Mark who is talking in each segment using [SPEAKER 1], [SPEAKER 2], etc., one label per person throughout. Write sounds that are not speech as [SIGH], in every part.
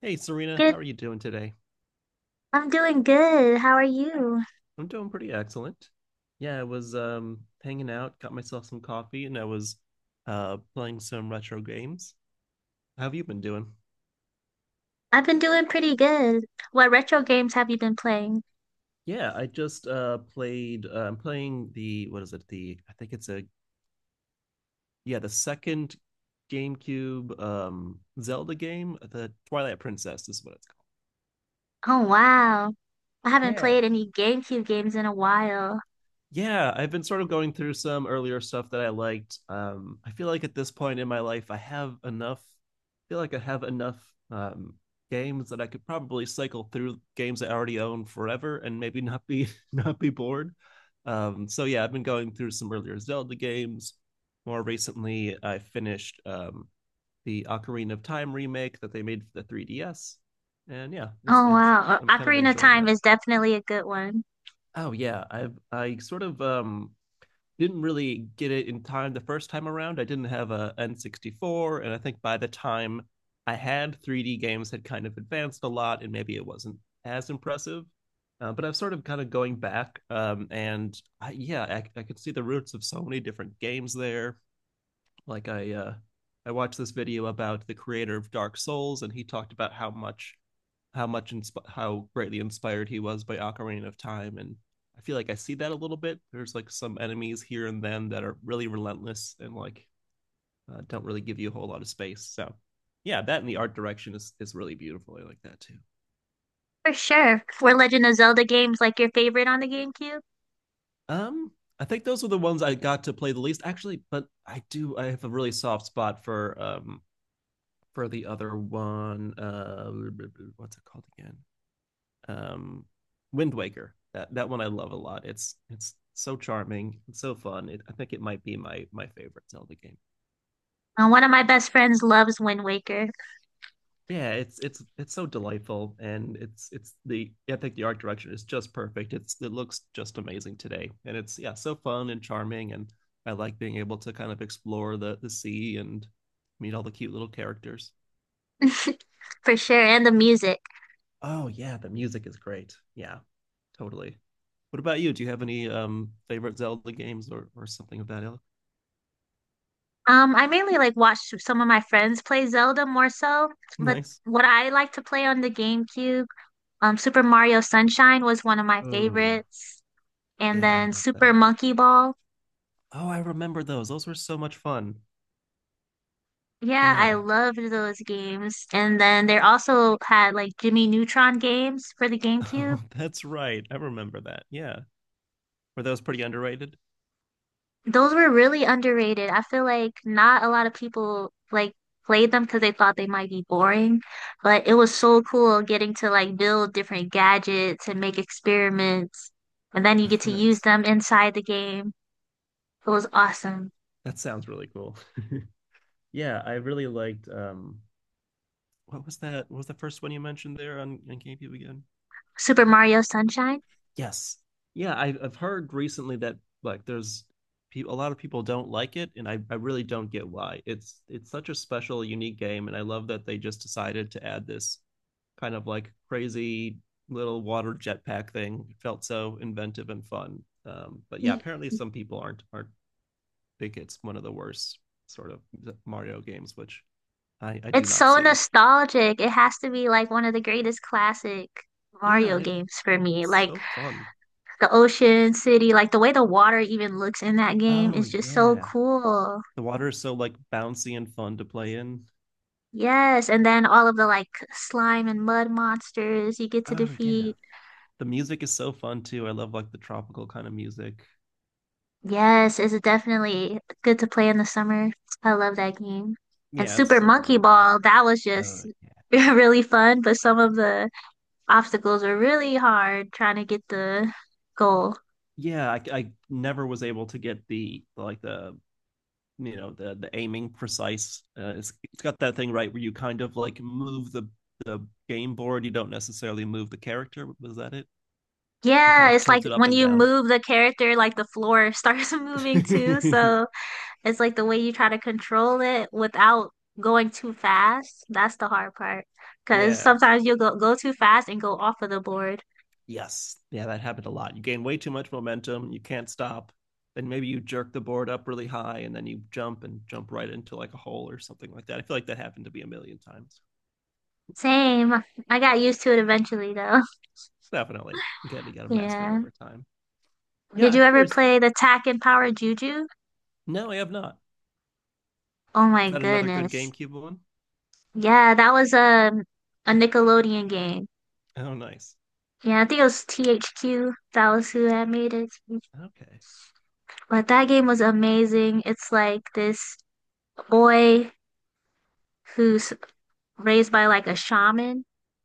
[SPEAKER 1] Hey Serena, how
[SPEAKER 2] Good.
[SPEAKER 1] are you doing today?
[SPEAKER 2] I'm doing good. How are you?
[SPEAKER 1] I'm doing pretty excellent. Yeah, I was hanging out, got myself some coffee, and I was playing some retro games. How have you been doing?
[SPEAKER 2] I've been doing pretty good. What retro games have you been playing?
[SPEAKER 1] Yeah, I just played I'm playing the what is it? The I think it's a yeah, the second GameCube Zelda game, the Twilight Princess is what it's called.
[SPEAKER 2] Oh, wow. I haven't
[SPEAKER 1] Yeah.
[SPEAKER 2] played any GameCube games in a while.
[SPEAKER 1] Yeah, I've been sort of going through some earlier stuff that I liked. I feel like at this point in my life, I have enough. I feel like I have enough um, games that I could probably cycle through games I already own forever and maybe not be [LAUGHS] not be bored. So yeah, I've been going through some earlier Zelda games. More recently, I finished the Ocarina of Time remake that they made for the 3DS, and yeah, it's
[SPEAKER 2] Oh,
[SPEAKER 1] it's
[SPEAKER 2] wow.
[SPEAKER 1] I'm kind of
[SPEAKER 2] Ocarina of
[SPEAKER 1] enjoying
[SPEAKER 2] Time
[SPEAKER 1] that.
[SPEAKER 2] is definitely a good one.
[SPEAKER 1] Oh yeah, I sort of didn't really get it in time the first time around. I didn't have a N64, and I think by the time I had 3D games had kind of advanced a lot, and maybe it wasn't as impressive. But I've sort of kind of going back, and yeah, I could see the roots of so many different games there. Like I watched this video about the creator of Dark Souls and he talked about how much how greatly inspired he was by Ocarina of Time, and I feel like I see that a little bit. There's like some enemies here and then that are really relentless and like don't really give you a whole lot of space. So yeah, that and the art direction is really beautiful. I like that too.
[SPEAKER 2] For sure. Were Legend of Zelda games like your favorite on the GameCube?
[SPEAKER 1] Um, I think those were the ones I got to play the least actually, but I have a really soft spot for the other one. What's it called again? Um, Wind Waker. That one I love a lot. It's so charming, it's so fun. It, I think it might be my my favorite Zelda game.
[SPEAKER 2] One of my best friends loves Wind Waker.
[SPEAKER 1] Yeah, it's so delightful, and it's the I think the art direction is just perfect. It's it looks just amazing today, and it's yeah so fun and charming, and I like being able to kind of explore the sea and meet all the cute little characters.
[SPEAKER 2] [LAUGHS] For sure, and the music.
[SPEAKER 1] Oh yeah, the music is great. Yeah, totally. What about you? Do you have any favorite Zelda games or something of that ilk?
[SPEAKER 2] I mainly like watch some of my friends play Zelda more so, but
[SPEAKER 1] Nice.
[SPEAKER 2] what I like to play on the GameCube. Super Mario Sunshine was one of my
[SPEAKER 1] Oh,
[SPEAKER 2] favorites, and
[SPEAKER 1] yeah, I
[SPEAKER 2] then
[SPEAKER 1] love
[SPEAKER 2] Super
[SPEAKER 1] that.
[SPEAKER 2] Monkey Ball.
[SPEAKER 1] Oh, I remember those. Those were so much fun.
[SPEAKER 2] Yeah, I
[SPEAKER 1] Yeah. [LAUGHS]
[SPEAKER 2] loved those games. And then they also had like Jimmy Neutron games for the GameCube.
[SPEAKER 1] Oh, that's right. I remember that. Yeah. Were those pretty underrated?
[SPEAKER 2] Those were really underrated. I feel like not a lot of people like played them because they thought they might be boring, but it was so cool getting to like build different gadgets and make experiments, and then you get
[SPEAKER 1] [LAUGHS]
[SPEAKER 2] to use
[SPEAKER 1] Nice.
[SPEAKER 2] them inside the game. It was awesome.
[SPEAKER 1] That sounds really cool. [LAUGHS] Yeah, I really liked what was that? What was the first one you mentioned there on GameCube again?
[SPEAKER 2] Super Mario Sunshine.
[SPEAKER 1] Yes. Yeah, I've heard recently that like there's people a lot of people don't like it, and I really don't get why. It's such a special, unique game, and I love that they just decided to add this kind of like crazy little water jetpack thing. It felt so inventive and fun. But yeah, apparently some people aren't think it's one of the worst sort of Mario games, which I do
[SPEAKER 2] It's
[SPEAKER 1] not
[SPEAKER 2] so
[SPEAKER 1] see.
[SPEAKER 2] nostalgic. It has to be like one of the greatest classic
[SPEAKER 1] Yeah,
[SPEAKER 2] Mario
[SPEAKER 1] and it,
[SPEAKER 2] games for me.
[SPEAKER 1] it's
[SPEAKER 2] Like
[SPEAKER 1] so fun.
[SPEAKER 2] the ocean city, like the way the water even looks in that game
[SPEAKER 1] Oh
[SPEAKER 2] is just so
[SPEAKER 1] yeah.
[SPEAKER 2] cool.
[SPEAKER 1] The water is so like bouncy and fun to play in.
[SPEAKER 2] Yes, and then all of the like slime and mud monsters you get to
[SPEAKER 1] Oh yeah.
[SPEAKER 2] defeat.
[SPEAKER 1] The music is so fun too. I love like the tropical kind of music.
[SPEAKER 2] Yes, it's definitely good to play in the summer. I love that game. And
[SPEAKER 1] Yeah, it's
[SPEAKER 2] Super
[SPEAKER 1] so
[SPEAKER 2] Monkey
[SPEAKER 1] delightful.
[SPEAKER 2] Ball, that was
[SPEAKER 1] Uh,
[SPEAKER 2] just [LAUGHS] really fun, but some of the obstacles were really hard trying to get the goal.
[SPEAKER 1] yeah, I never was able to get the like the you know the aiming precise. It's got that thing right where you kind of like move the game board. You don't necessarily move the character. Was that it? You kind
[SPEAKER 2] Yeah,
[SPEAKER 1] of
[SPEAKER 2] it's like
[SPEAKER 1] tilt it up
[SPEAKER 2] when
[SPEAKER 1] and
[SPEAKER 2] you
[SPEAKER 1] down.
[SPEAKER 2] move the character, like the floor [LAUGHS] starts moving too.
[SPEAKER 1] [LAUGHS]
[SPEAKER 2] So it's like the way you try to control it without going too fast. That's the hard part. Because
[SPEAKER 1] Yeah.
[SPEAKER 2] sometimes you'll go too fast and go off of the board.
[SPEAKER 1] Yes. Yeah, that happened a lot. You gain way too much momentum. You can't stop. Then maybe you jerk the board up really high and then you jump and jump right into like a hole or something like that. I feel like that happened to be a million times.
[SPEAKER 2] Same. I got used to it eventually though. [LAUGHS]
[SPEAKER 1] Definitely. Again, you got to master it
[SPEAKER 2] Yeah.
[SPEAKER 1] over time. Yeah,
[SPEAKER 2] Did you
[SPEAKER 1] I'm
[SPEAKER 2] ever
[SPEAKER 1] curious.
[SPEAKER 2] play the Tack and Power Juju?
[SPEAKER 1] No, I have not.
[SPEAKER 2] Oh my
[SPEAKER 1] Is that another good
[SPEAKER 2] goodness.
[SPEAKER 1] GameCube one?
[SPEAKER 2] Yeah, that was a Nickelodeon game.
[SPEAKER 1] Oh, nice.
[SPEAKER 2] Yeah, I think it was THQ. That was who had made it.
[SPEAKER 1] Okay.
[SPEAKER 2] But that game was amazing. It's like this boy who's raised by like a shaman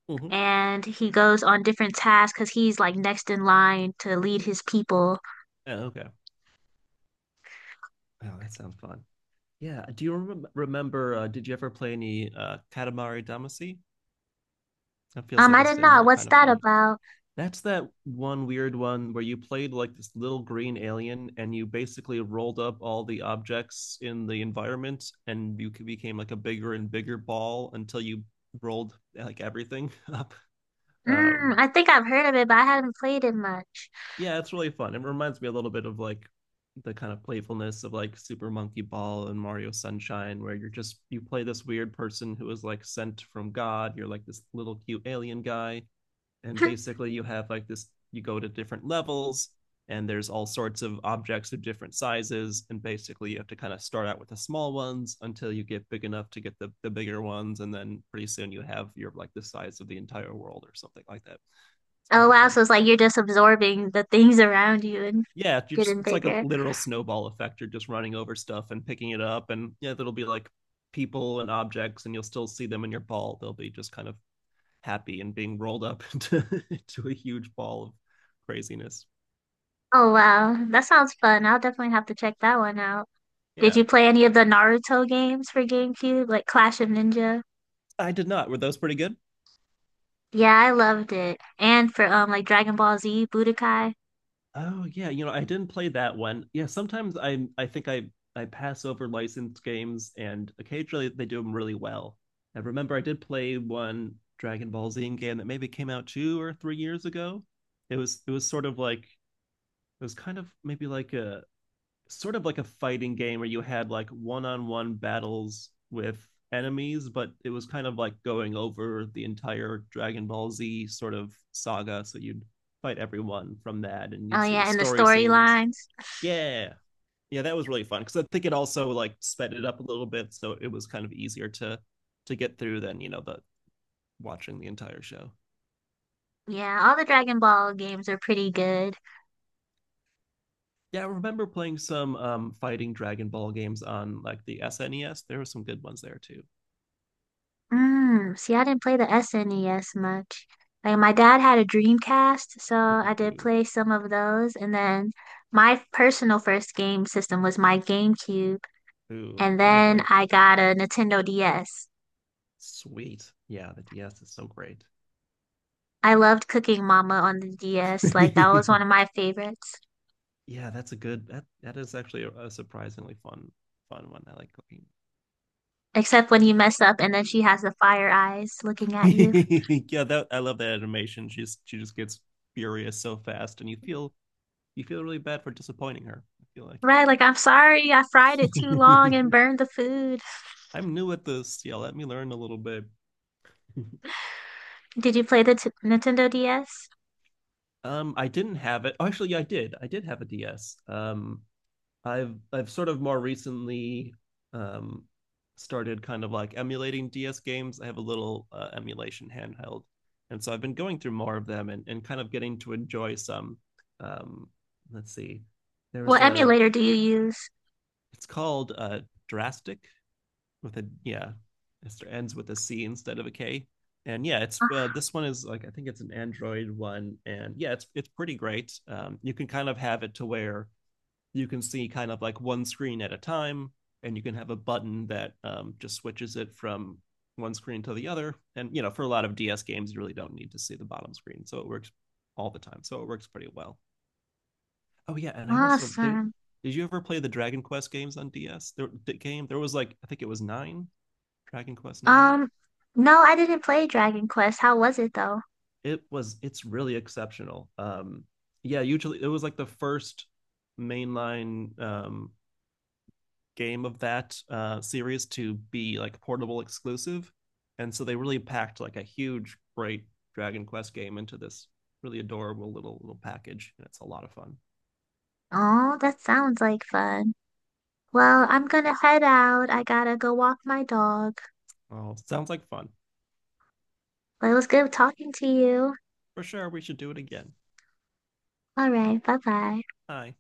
[SPEAKER 1] Mm-hmm.
[SPEAKER 2] and he goes on different tasks because he's like next in line to lead his people.
[SPEAKER 1] Yeah, okay. Oh, that sounds fun. Yeah. Do you remember? Did you ever play any Katamari Damacy? That feels like
[SPEAKER 2] I
[SPEAKER 1] a
[SPEAKER 2] didn't know.
[SPEAKER 1] similar
[SPEAKER 2] What's
[SPEAKER 1] kind of
[SPEAKER 2] that
[SPEAKER 1] fun.
[SPEAKER 2] about?
[SPEAKER 1] That's that one weird one where you played like this little green alien and you basically rolled up all the objects in the environment and you became like a bigger and bigger ball until you rolled like everything [LAUGHS] up. Um,
[SPEAKER 2] Mm, I think I've heard of it, but I haven't played it much.
[SPEAKER 1] yeah, it's really fun. It reminds me a little bit of like the kind of playfulness of like Super Monkey Ball and Mario Sunshine, where you're just you play this weird person who is like sent from God. You're like this little cute alien guy and
[SPEAKER 2] [LAUGHS]
[SPEAKER 1] basically you have like this you go to different levels and there's all sorts of objects of different sizes and basically you have to kind of start out with the small ones until you get big enough to get the bigger ones and then pretty soon you have you're like the size of the entire world or something like that, it's
[SPEAKER 2] Oh
[SPEAKER 1] very
[SPEAKER 2] wow,
[SPEAKER 1] fun,
[SPEAKER 2] so it's like you're just absorbing the things around you and
[SPEAKER 1] yeah you're just,
[SPEAKER 2] getting
[SPEAKER 1] it's like a
[SPEAKER 2] bigger.
[SPEAKER 1] literal snowball effect, you're just running over stuff and picking it up, and yeah there'll be like people and objects and you'll still see them in your ball, they'll be just kind of happy and being rolled up into, [LAUGHS] into a huge ball of craziness.
[SPEAKER 2] Oh wow, that sounds fun. I'll definitely have to check that one out. Did
[SPEAKER 1] Yeah.
[SPEAKER 2] you play any of the Naruto games for GameCube, like Clash of Ninja?
[SPEAKER 1] I did not. Were those pretty good?
[SPEAKER 2] Yeah, I loved it. And for like Dragon Ball Z, Budokai.
[SPEAKER 1] Oh yeah, you know, I didn't play that one. Yeah, sometimes I think I I pass over licensed games and occasionally they do them really well. I remember I did play one Dragon Ball Z game that maybe came out 2 or 3 years ago. It was sort of like it was kind of maybe like a sort of like a fighting game where you had like one-on-one battles with enemies, but it was kind of like going over the entire Dragon Ball Z sort of saga. So you'd fight everyone from that, and you'd
[SPEAKER 2] Oh
[SPEAKER 1] see the
[SPEAKER 2] yeah, and the
[SPEAKER 1] story scenes.
[SPEAKER 2] storylines.
[SPEAKER 1] Yeah, yeah, that was really fun because I think it also like sped it up a little bit, so it was kind of easier to get through than you know the watching the entire show.
[SPEAKER 2] Yeah, all the Dragon Ball games are pretty good.
[SPEAKER 1] Yeah, I remember playing some fighting Dragon Ball games on like the SNES. There were some good ones there too.
[SPEAKER 2] Mm, see, I didn't play the SNES much. Like my dad had a Dreamcast, so I did play some of those. And then my personal first game system was my GameCube,
[SPEAKER 1] Ooh,
[SPEAKER 2] and then
[SPEAKER 1] lovely.
[SPEAKER 2] I got a Nintendo DS.
[SPEAKER 1] Sweet. Yeah, the DS is so great.
[SPEAKER 2] I loved Cooking Mama on the DS. Like that was one of
[SPEAKER 1] [LAUGHS]
[SPEAKER 2] my favorites.
[SPEAKER 1] Yeah, that's a good that that is actually a surprisingly fun fun one. I like
[SPEAKER 2] Except when you mess up and then she has the fire eyes looking at you.
[SPEAKER 1] cooking. [LAUGHS] Yeah, that I love that animation. She just gets furious so fast and you feel really bad for disappointing her. I feel
[SPEAKER 2] Right, like I'm sorry, I fried it
[SPEAKER 1] like
[SPEAKER 2] too long and
[SPEAKER 1] [LAUGHS]
[SPEAKER 2] burned the food.
[SPEAKER 1] I'm new at this. Yeah, let me learn a little bit. [LAUGHS]
[SPEAKER 2] Did you play the t Nintendo DS?
[SPEAKER 1] I didn't have it. Oh, actually, yeah, I did. I did have a DS. I've sort of more recently um, started kind of like emulating DS games. I have a little emulation handheld, and so I've been going through more of them and kind of getting to enjoy some. Um, let's see, there's
[SPEAKER 2] What
[SPEAKER 1] a
[SPEAKER 2] emulator do you use?
[SPEAKER 1] it's called Drastic with a yeah, it ends with a C instead of a K, and yeah, it's
[SPEAKER 2] Ah,
[SPEAKER 1] this one is like I think it's an Android one, and yeah, it's pretty great. You can kind of have it to where you can see kind of like one screen at a time, and you can have a button that just switches it from one screen to the other. And you know, for a lot of DS games, you really don't need to see the bottom screen, so it works all the time. So it works pretty well. Oh yeah, and I also did.
[SPEAKER 2] awesome.
[SPEAKER 1] Did you ever play the Dragon Quest games on DS? There, the game there was like I think it was 9 Dragon Quest 9.
[SPEAKER 2] Um, no, I didn't play Dragon Quest. How was it though?
[SPEAKER 1] It was it's really exceptional. Yeah, usually it was like the first mainline game of that series to be like portable exclusive, and so they really packed like a huge, great Dragon Quest game into this really adorable little little package, and it's a lot of fun.
[SPEAKER 2] Oh, that sounds like fun.
[SPEAKER 1] Yeah.
[SPEAKER 2] Well, I'm gonna head out. I gotta go walk my dog.
[SPEAKER 1] Oh, sounds like fun
[SPEAKER 2] But it was good talking to you.
[SPEAKER 1] for sure. We should do it again.
[SPEAKER 2] All right, bye bye.
[SPEAKER 1] Hi.